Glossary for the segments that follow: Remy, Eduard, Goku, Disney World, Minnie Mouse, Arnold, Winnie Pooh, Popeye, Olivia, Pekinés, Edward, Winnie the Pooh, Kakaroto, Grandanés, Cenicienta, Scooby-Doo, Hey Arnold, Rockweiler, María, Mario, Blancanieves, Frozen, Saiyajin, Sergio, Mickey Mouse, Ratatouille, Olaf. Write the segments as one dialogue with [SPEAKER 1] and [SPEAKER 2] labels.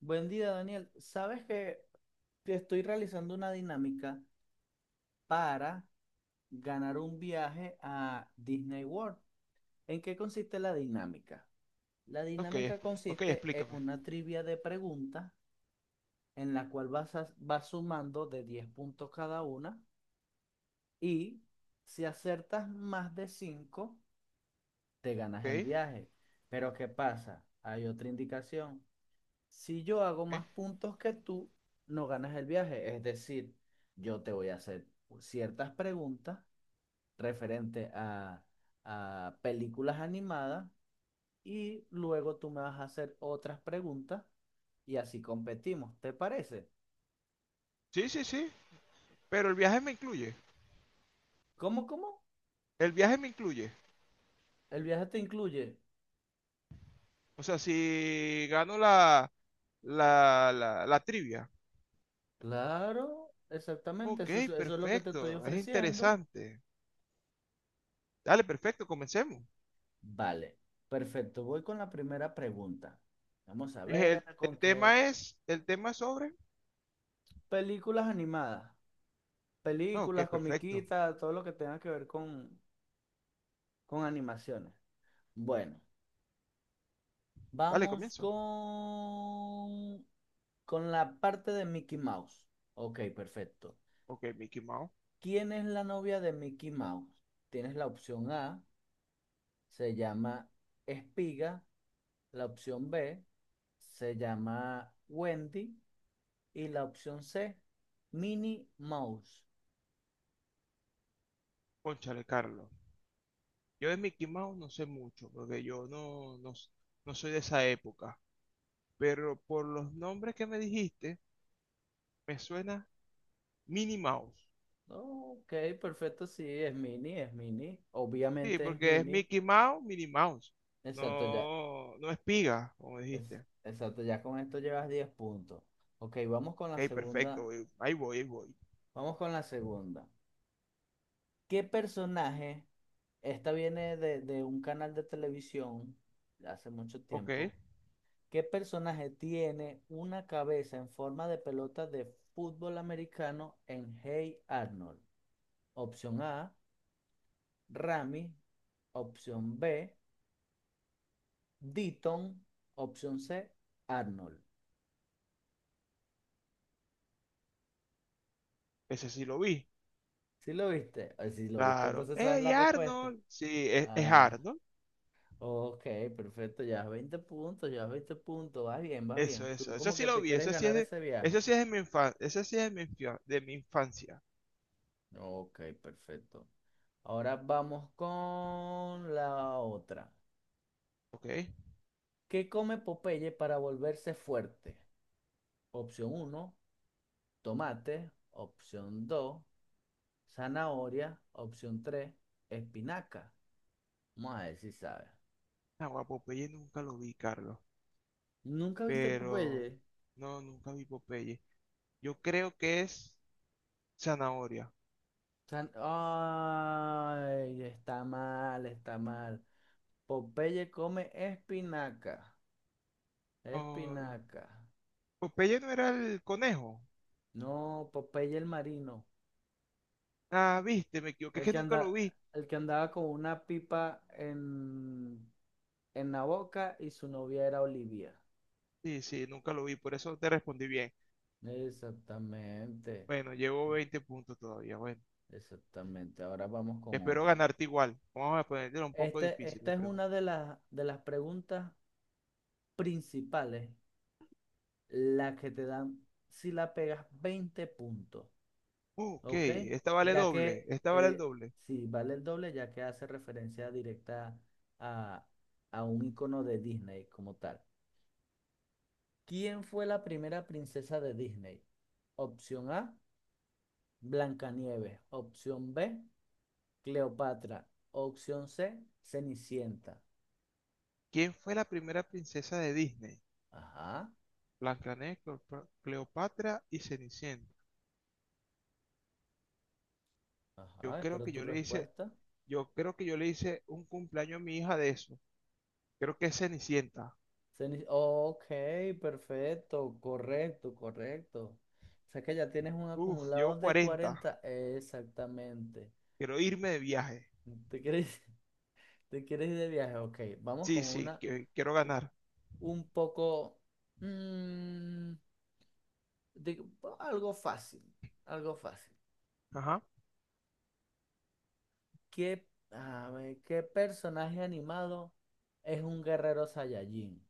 [SPEAKER 1] Buen día, Daniel. Sabes que te estoy realizando una dinámica para ganar un viaje a Disney World. ¿En qué consiste la dinámica? La
[SPEAKER 2] Ok, es-
[SPEAKER 1] dinámica
[SPEAKER 2] ok,
[SPEAKER 1] consiste en
[SPEAKER 2] explícame.
[SPEAKER 1] una trivia de preguntas en la cual vas, vas sumando de 10 puntos cada una y si acertas más de 5 te ganas el
[SPEAKER 2] Ok,
[SPEAKER 1] viaje. Pero ¿qué pasa? Hay otra indicación. Si yo hago
[SPEAKER 2] ok.
[SPEAKER 1] más puntos que tú, no ganas el viaje. Es decir, yo te voy a hacer ciertas preguntas referente a películas animadas y luego tú me vas a hacer otras preguntas y así competimos. ¿Te parece?
[SPEAKER 2] Sí, sí, sí, pero el viaje me incluye.
[SPEAKER 1] ¿Cómo, cómo?
[SPEAKER 2] El viaje me incluye.
[SPEAKER 1] ¿El viaje te incluye?
[SPEAKER 2] O sea, si gano la trivia.
[SPEAKER 1] Claro, exactamente.
[SPEAKER 2] Ok,
[SPEAKER 1] Eso, eso es lo que te estoy
[SPEAKER 2] perfecto, es
[SPEAKER 1] ofreciendo.
[SPEAKER 2] interesante. Dale, perfecto, comencemos.
[SPEAKER 1] Vale, perfecto. Voy con la primera pregunta. Vamos a ver
[SPEAKER 2] El,
[SPEAKER 1] con
[SPEAKER 2] el
[SPEAKER 1] qué
[SPEAKER 2] tema es, el tema es sobre.
[SPEAKER 1] películas animadas.
[SPEAKER 2] No, ok,
[SPEAKER 1] Películas,
[SPEAKER 2] perfecto.
[SPEAKER 1] comiquitas, todo lo que tenga que ver con animaciones. Bueno,
[SPEAKER 2] Dale,
[SPEAKER 1] vamos
[SPEAKER 2] comienzo.
[SPEAKER 1] con, con la parte de Mickey Mouse. Ok, perfecto.
[SPEAKER 2] Ok, Mickey Mouse.
[SPEAKER 1] ¿Quién es la novia de Mickey Mouse? Tienes la opción A, se llama Espiga; la opción B, se llama Wendy; y la opción C, Minnie Mouse.
[SPEAKER 2] Cónchale, Carlos. Yo de Mickey Mouse no sé mucho, porque yo no soy de esa época. Pero por los nombres que me dijiste, me suena Minnie Mouse.
[SPEAKER 1] Ok, perfecto, sí, es Minnie, es Minnie.
[SPEAKER 2] Sí,
[SPEAKER 1] Obviamente es
[SPEAKER 2] porque es
[SPEAKER 1] Minnie.
[SPEAKER 2] Mickey Mouse, Minnie Mouse.
[SPEAKER 1] Exacto, ya,
[SPEAKER 2] No, no es piga, como
[SPEAKER 1] Es-
[SPEAKER 2] dijiste.
[SPEAKER 1] exacto, ya con esto llevas 10 puntos. Ok, vamos con la
[SPEAKER 2] Ok, perfecto.
[SPEAKER 1] segunda.
[SPEAKER 2] Güey. Ahí voy, ahí voy.
[SPEAKER 1] Vamos con la segunda. ¿Qué personaje? Esta viene de un canal de televisión de hace mucho
[SPEAKER 2] Ok,
[SPEAKER 1] tiempo. ¿Qué personaje tiene una cabeza en forma de pelota de fútbol americano en Hey Arnold? Opción A, Rami. Opción B, Deaton. Opción C, Arnold.
[SPEAKER 2] ese sí lo vi.
[SPEAKER 1] ¿Sí lo viste? Si lo viste,
[SPEAKER 2] Claro.
[SPEAKER 1] entonces sabes
[SPEAKER 2] ¡Ey,
[SPEAKER 1] la respuesta.
[SPEAKER 2] Arnold! Sí, es
[SPEAKER 1] Ah,
[SPEAKER 2] Arnold.
[SPEAKER 1] ok, perfecto, ya 20 puntos, vas bien, vas
[SPEAKER 2] Eso,
[SPEAKER 1] bien. Tú
[SPEAKER 2] eso. Eso
[SPEAKER 1] como
[SPEAKER 2] sí
[SPEAKER 1] que
[SPEAKER 2] lo
[SPEAKER 1] te
[SPEAKER 2] vi.
[SPEAKER 1] quieres ganar ese
[SPEAKER 2] Eso
[SPEAKER 1] viaje.
[SPEAKER 2] sí es de mi infancia. Eso sí es de de mi infancia.
[SPEAKER 1] Ok, perfecto. Ahora vamos con la otra.
[SPEAKER 2] Ok.
[SPEAKER 1] ¿Qué come Popeye para volverse fuerte? Opción uno, tomate. Opción 2, zanahoria. Opción 3, espinaca. Vamos a ver si sabes.
[SPEAKER 2] Agua, Popeye nunca lo vi, Carlos.
[SPEAKER 1] ¿Nunca viste
[SPEAKER 2] Pero.
[SPEAKER 1] Popeye?
[SPEAKER 2] No, nunca vi Popeye. Yo creo que es zanahoria.
[SPEAKER 1] Ay, está mal, está mal. Popeye come espinaca,
[SPEAKER 2] Oh,
[SPEAKER 1] espinaca.
[SPEAKER 2] Popeye no era el conejo.
[SPEAKER 1] No, Popeye el marino,
[SPEAKER 2] Ah, viste, me equivoqué, es
[SPEAKER 1] el
[SPEAKER 2] que
[SPEAKER 1] que
[SPEAKER 2] nunca lo
[SPEAKER 1] anda,
[SPEAKER 2] vi.
[SPEAKER 1] el que andaba con una pipa en la boca y su novia era Olivia.
[SPEAKER 2] Sí, sí, nunca lo vi, por eso te respondí bien.
[SPEAKER 1] Exactamente,
[SPEAKER 2] Bueno, llevo 20 puntos todavía, bueno.
[SPEAKER 1] exactamente. Ahora vamos con
[SPEAKER 2] Espero
[SPEAKER 1] otra.
[SPEAKER 2] ganarte igual. Vamos a ponerle un poco difícil, mi
[SPEAKER 1] Esta es
[SPEAKER 2] pregunta.
[SPEAKER 1] una de las preguntas principales, la que te dan si la pegas 20 puntos.
[SPEAKER 2] Ok,
[SPEAKER 1] Ok,
[SPEAKER 2] esta vale
[SPEAKER 1] ya
[SPEAKER 2] doble,
[SPEAKER 1] que
[SPEAKER 2] esta vale el doble.
[SPEAKER 1] si vale el doble, ya que hace referencia directa a, a un icono de Disney como tal. ¿Quién fue la primera princesa de Disney? Opción A, Blancanieves. Opción B, Cleopatra. Opción C, Cenicienta.
[SPEAKER 2] ¿Quién fue la primera princesa de Disney?
[SPEAKER 1] Ajá,
[SPEAKER 2] Blancanieves, Cleopatra y Cenicienta. Yo
[SPEAKER 1] ajá,
[SPEAKER 2] creo
[SPEAKER 1] espero
[SPEAKER 2] que
[SPEAKER 1] tu
[SPEAKER 2] yo le hice,
[SPEAKER 1] respuesta.
[SPEAKER 2] yo creo que yo le hice un cumpleaños a mi hija de eso. Creo que es Cenicienta.
[SPEAKER 1] Ok, perfecto, correcto, correcto. O sea que ya tienes un
[SPEAKER 2] Uf,
[SPEAKER 1] acumulado
[SPEAKER 2] llevo
[SPEAKER 1] de
[SPEAKER 2] 40.
[SPEAKER 1] 40. Exactamente.
[SPEAKER 2] Quiero irme de viaje.
[SPEAKER 1] ¿Te quieres, te quieres ir de viaje? Ok, vamos
[SPEAKER 2] Sí,
[SPEAKER 1] con
[SPEAKER 2] sí, quiero
[SPEAKER 1] u-
[SPEAKER 2] ganar.
[SPEAKER 1] un poco... mm, digo, algo fácil, algo fácil.
[SPEAKER 2] Ajá.
[SPEAKER 1] ¿Qué personaje animado es un guerrero Saiyajin?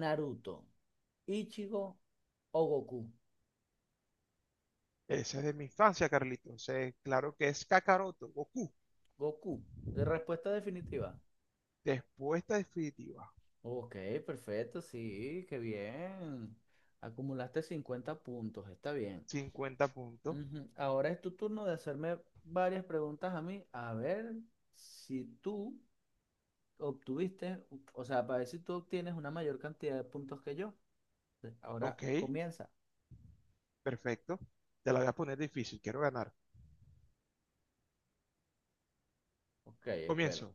[SPEAKER 1] ¿Naruto, Ichigo o Goku?
[SPEAKER 2] Ese es de mi infancia, Carlitos. Claro que es Kakaroto, Goku.
[SPEAKER 1] Goku. ¿De Respuesta definitiva.
[SPEAKER 2] Respuesta definitiva.
[SPEAKER 1] Ok, perfecto, sí, qué bien. Acumulaste 50 puntos, está bien.
[SPEAKER 2] 50 puntos.
[SPEAKER 1] Ujú. Ahora es tu turno de hacerme varias preguntas a mí, a ver si tú obtuviste, o sea, para ver si tú obtienes una mayor cantidad de puntos que yo. Entonces, ahora
[SPEAKER 2] Ok,
[SPEAKER 1] comienza.
[SPEAKER 2] perfecto. Te la voy a poner difícil, quiero ganar.
[SPEAKER 1] Ok, espero.
[SPEAKER 2] Comienzo.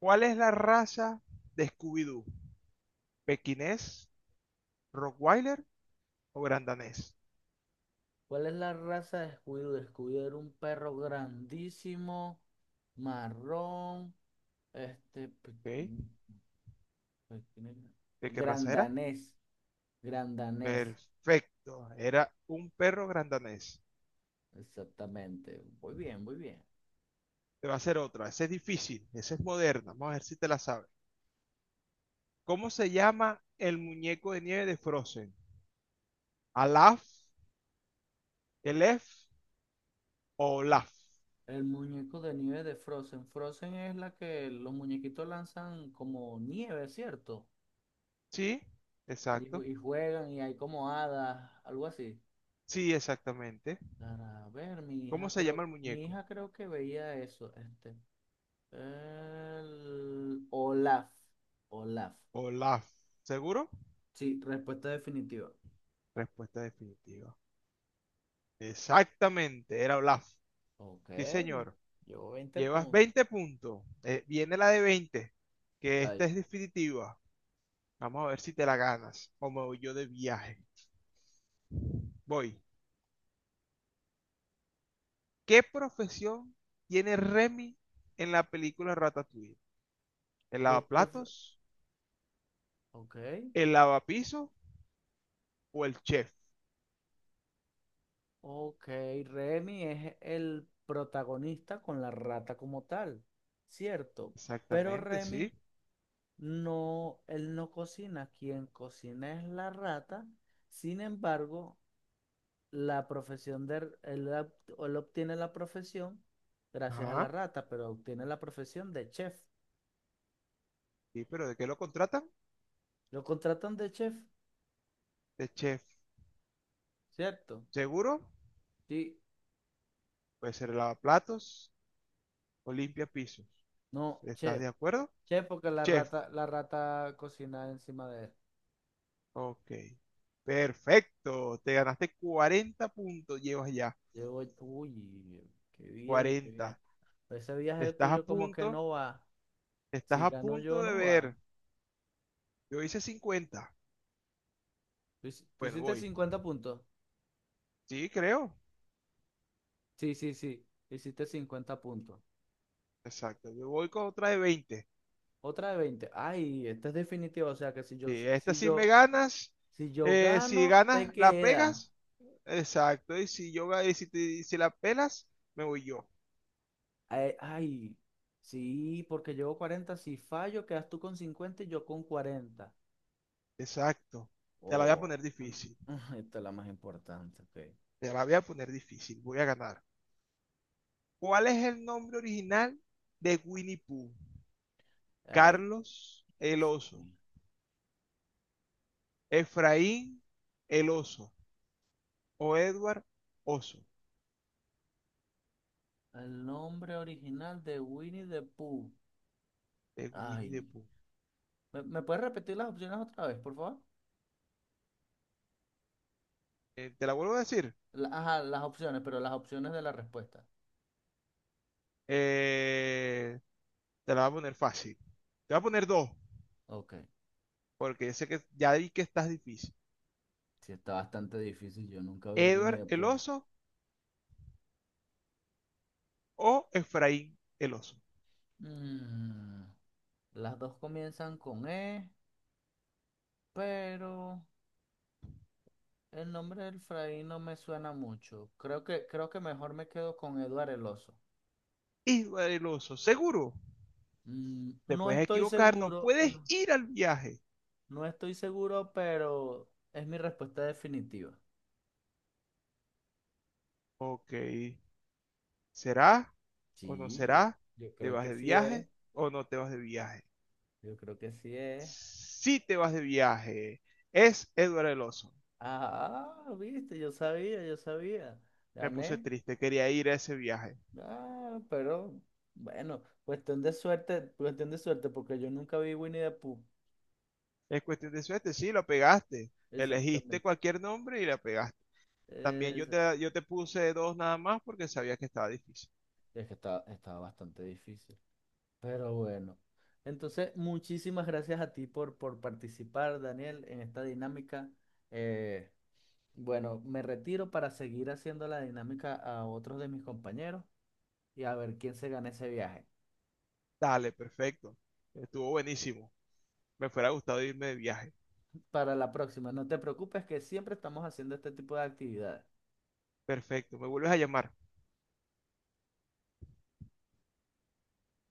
[SPEAKER 2] ¿Cuál es la raza de Scooby-Doo? ¿Pekinés, Rockweiler o Grandanés?
[SPEAKER 1] ¿Cuál es la raza de Scooby-Doo? Scooby-Doo era un perro grandísimo, marrón, este,
[SPEAKER 2] Ok,
[SPEAKER 1] pequeño, pequeño,
[SPEAKER 2] ¿de qué raza era?
[SPEAKER 1] grandanés, grandanés,
[SPEAKER 2] Perfecto, era un perro grandanés.
[SPEAKER 1] exactamente. Muy bien, muy bien.
[SPEAKER 2] Te va a hacer otra, esa es difícil, esa es moderna. Vamos a ver si te la sabes. ¿Cómo se llama el muñeco de nieve de Frozen? ¿Alaf, El F o L A F?
[SPEAKER 1] El muñeco de nieve de Frozen. Frozen es la que los muñequitos lanzan como nieve, ¿cierto?
[SPEAKER 2] Sí,
[SPEAKER 1] Y,
[SPEAKER 2] exacto.
[SPEAKER 1] y juegan y hay como hadas, algo así.
[SPEAKER 2] Sí, exactamente.
[SPEAKER 1] Para ver,
[SPEAKER 2] ¿Cómo se llama el
[SPEAKER 1] mi
[SPEAKER 2] muñeco?
[SPEAKER 1] hija creo que veía eso. Este, el Olaf. Olaf.
[SPEAKER 2] Olaf. ¿Seguro?
[SPEAKER 1] Sí, respuesta definitiva.
[SPEAKER 2] Respuesta definitiva. Exactamente, era Olaf.
[SPEAKER 1] Ok,
[SPEAKER 2] Sí, señor.
[SPEAKER 1] llevo 20
[SPEAKER 2] Llevas
[SPEAKER 1] puntos.
[SPEAKER 2] 20 puntos. Viene la de 20, que esta
[SPEAKER 1] Ay,
[SPEAKER 2] es definitiva. Vamos a ver si te la ganas o me voy yo de viaje. Voy. ¿Qué profesión tiene Remy en la película Ratatouille? ¿El
[SPEAKER 1] ¿Qué prefe-
[SPEAKER 2] lavaplatos,
[SPEAKER 1] Ok.
[SPEAKER 2] el lavapiso o el chef?
[SPEAKER 1] Ok, Remy es el protagonista con la rata como tal, cierto. Pero
[SPEAKER 2] Exactamente, sí.
[SPEAKER 1] Remy no, él no cocina, quien cocina es la rata. Sin embargo, la profesión de él obtiene la profesión gracias a la
[SPEAKER 2] Ajá.
[SPEAKER 1] rata, pero obtiene la profesión de chef.
[SPEAKER 2] Sí, pero ¿de qué lo contratan?
[SPEAKER 1] Lo contratan de chef,
[SPEAKER 2] De chef.
[SPEAKER 1] cierto.
[SPEAKER 2] ¿Seguro?
[SPEAKER 1] Sí,
[SPEAKER 2] Puede ser lavaplatos o limpia pisos.
[SPEAKER 1] no,
[SPEAKER 2] ¿Estás
[SPEAKER 1] chef,
[SPEAKER 2] de acuerdo?
[SPEAKER 1] chef porque
[SPEAKER 2] Chef.
[SPEAKER 1] la rata cocina encima de él.
[SPEAKER 2] Ok. Perfecto. Te ganaste 40 puntos. Llevas ya
[SPEAKER 1] Yo voy, uy, qué bien, qué
[SPEAKER 2] 40.
[SPEAKER 1] bien. Ese viaje
[SPEAKER 2] Estás a
[SPEAKER 1] tuyo como que
[SPEAKER 2] punto.
[SPEAKER 1] no va.
[SPEAKER 2] Estás
[SPEAKER 1] Si
[SPEAKER 2] a
[SPEAKER 1] gano
[SPEAKER 2] punto
[SPEAKER 1] yo,
[SPEAKER 2] de
[SPEAKER 1] no va.
[SPEAKER 2] ver. Yo hice 50.
[SPEAKER 1] Tú, tú
[SPEAKER 2] Bueno,
[SPEAKER 1] hiciste
[SPEAKER 2] voy.
[SPEAKER 1] 50 puntos.
[SPEAKER 2] Sí, creo.
[SPEAKER 1] Sí, sí, sí. Hiciste 50 puntos.
[SPEAKER 2] Exacto. Yo voy con otra de 20.
[SPEAKER 1] Otra de veinte. Ay, esta es definitiva. O sea que
[SPEAKER 2] Sí, esta sí me ganas.
[SPEAKER 1] si yo
[SPEAKER 2] Si
[SPEAKER 1] gano, te
[SPEAKER 2] ganas, la
[SPEAKER 1] queda.
[SPEAKER 2] pegas. Exacto. Y si la pelas, me voy yo.
[SPEAKER 1] Ay, ay, sí, porque llevo cuarenta. Si fallo, quedas tú con 50 y yo con cuarenta.
[SPEAKER 2] Exacto. Te la voy a
[SPEAKER 1] Oh,
[SPEAKER 2] poner difícil.
[SPEAKER 1] esta es la más importante. Ok.
[SPEAKER 2] Te la voy a poner difícil. Voy a ganar. ¿Cuál es el nombre original de Winnie Pooh?
[SPEAKER 1] Ay,
[SPEAKER 2] Carlos el
[SPEAKER 1] Dios
[SPEAKER 2] oso.
[SPEAKER 1] mío.
[SPEAKER 2] Efraín el oso. O Edward oso.
[SPEAKER 1] El nombre original de Winnie the Pooh.
[SPEAKER 2] De Winnie the
[SPEAKER 1] Ay.
[SPEAKER 2] Pooh.
[SPEAKER 1] ¿Me, me puedes repetir las opciones otra vez, por favor?
[SPEAKER 2] Te la vuelvo a decir.
[SPEAKER 1] Ajá, las opciones, pero las opciones de la respuesta.
[SPEAKER 2] Eh, te la voy a poner fácil. Te voy a poner dos.
[SPEAKER 1] Ok,
[SPEAKER 2] Porque sé que ya vi que estás difícil.
[SPEAKER 1] sí está bastante difícil, yo nunca vi Winnie
[SPEAKER 2] Edward
[SPEAKER 1] the
[SPEAKER 2] el
[SPEAKER 1] Pooh.
[SPEAKER 2] oso o Efraín el oso.
[SPEAKER 1] Mm, las dos comienzan con E, pero el nombre del Fray no me suena mucho. Creo que mejor me quedo con Eduard el Oso.
[SPEAKER 2] Y el seguro,
[SPEAKER 1] Mm,
[SPEAKER 2] te
[SPEAKER 1] no
[SPEAKER 2] puedes
[SPEAKER 1] estoy
[SPEAKER 2] equivocar, no
[SPEAKER 1] seguro,
[SPEAKER 2] puedes
[SPEAKER 1] no,
[SPEAKER 2] ir al viaje.
[SPEAKER 1] no estoy seguro, pero es mi respuesta definitiva.
[SPEAKER 2] Ok, ¿será o no
[SPEAKER 1] Sí, yo,
[SPEAKER 2] será?
[SPEAKER 1] yo
[SPEAKER 2] ¿Te
[SPEAKER 1] creo
[SPEAKER 2] vas
[SPEAKER 1] que
[SPEAKER 2] de
[SPEAKER 1] sí
[SPEAKER 2] viaje
[SPEAKER 1] es.
[SPEAKER 2] o no te vas de viaje?
[SPEAKER 1] Yo creo que sí es.
[SPEAKER 2] Si te vas de viaje. Es Edward el oso.
[SPEAKER 1] Ah, ah, viste, yo sabía, yo sabía.
[SPEAKER 2] Me puse
[SPEAKER 1] Gané.
[SPEAKER 2] triste, quería ir a ese viaje.
[SPEAKER 1] Ah, pero bueno, cuestión de suerte, porque yo nunca vi Winnie the Pooh.
[SPEAKER 2] Es cuestión de suerte, sí, lo pegaste. Elegiste
[SPEAKER 1] Exactamente.
[SPEAKER 2] cualquier nombre y la pegaste.
[SPEAKER 1] Esa-
[SPEAKER 2] Yo te puse dos nada más porque sabía que estaba difícil.
[SPEAKER 1] Es que estaba, estaba bastante difícil. Pero bueno. Entonces, muchísimas gracias a ti por participar, Daniel, en esta dinámica. Eh, bueno, me retiro para seguir haciendo la dinámica a otros de mis compañeros y a ver quién se gana ese viaje.
[SPEAKER 2] Dale, perfecto. Estuvo buenísimo. Me fuera gustado irme de viaje.
[SPEAKER 1] Para la próxima, no te preocupes que siempre estamos haciendo este tipo de actividades.
[SPEAKER 2] Perfecto, me vuelves a llamar.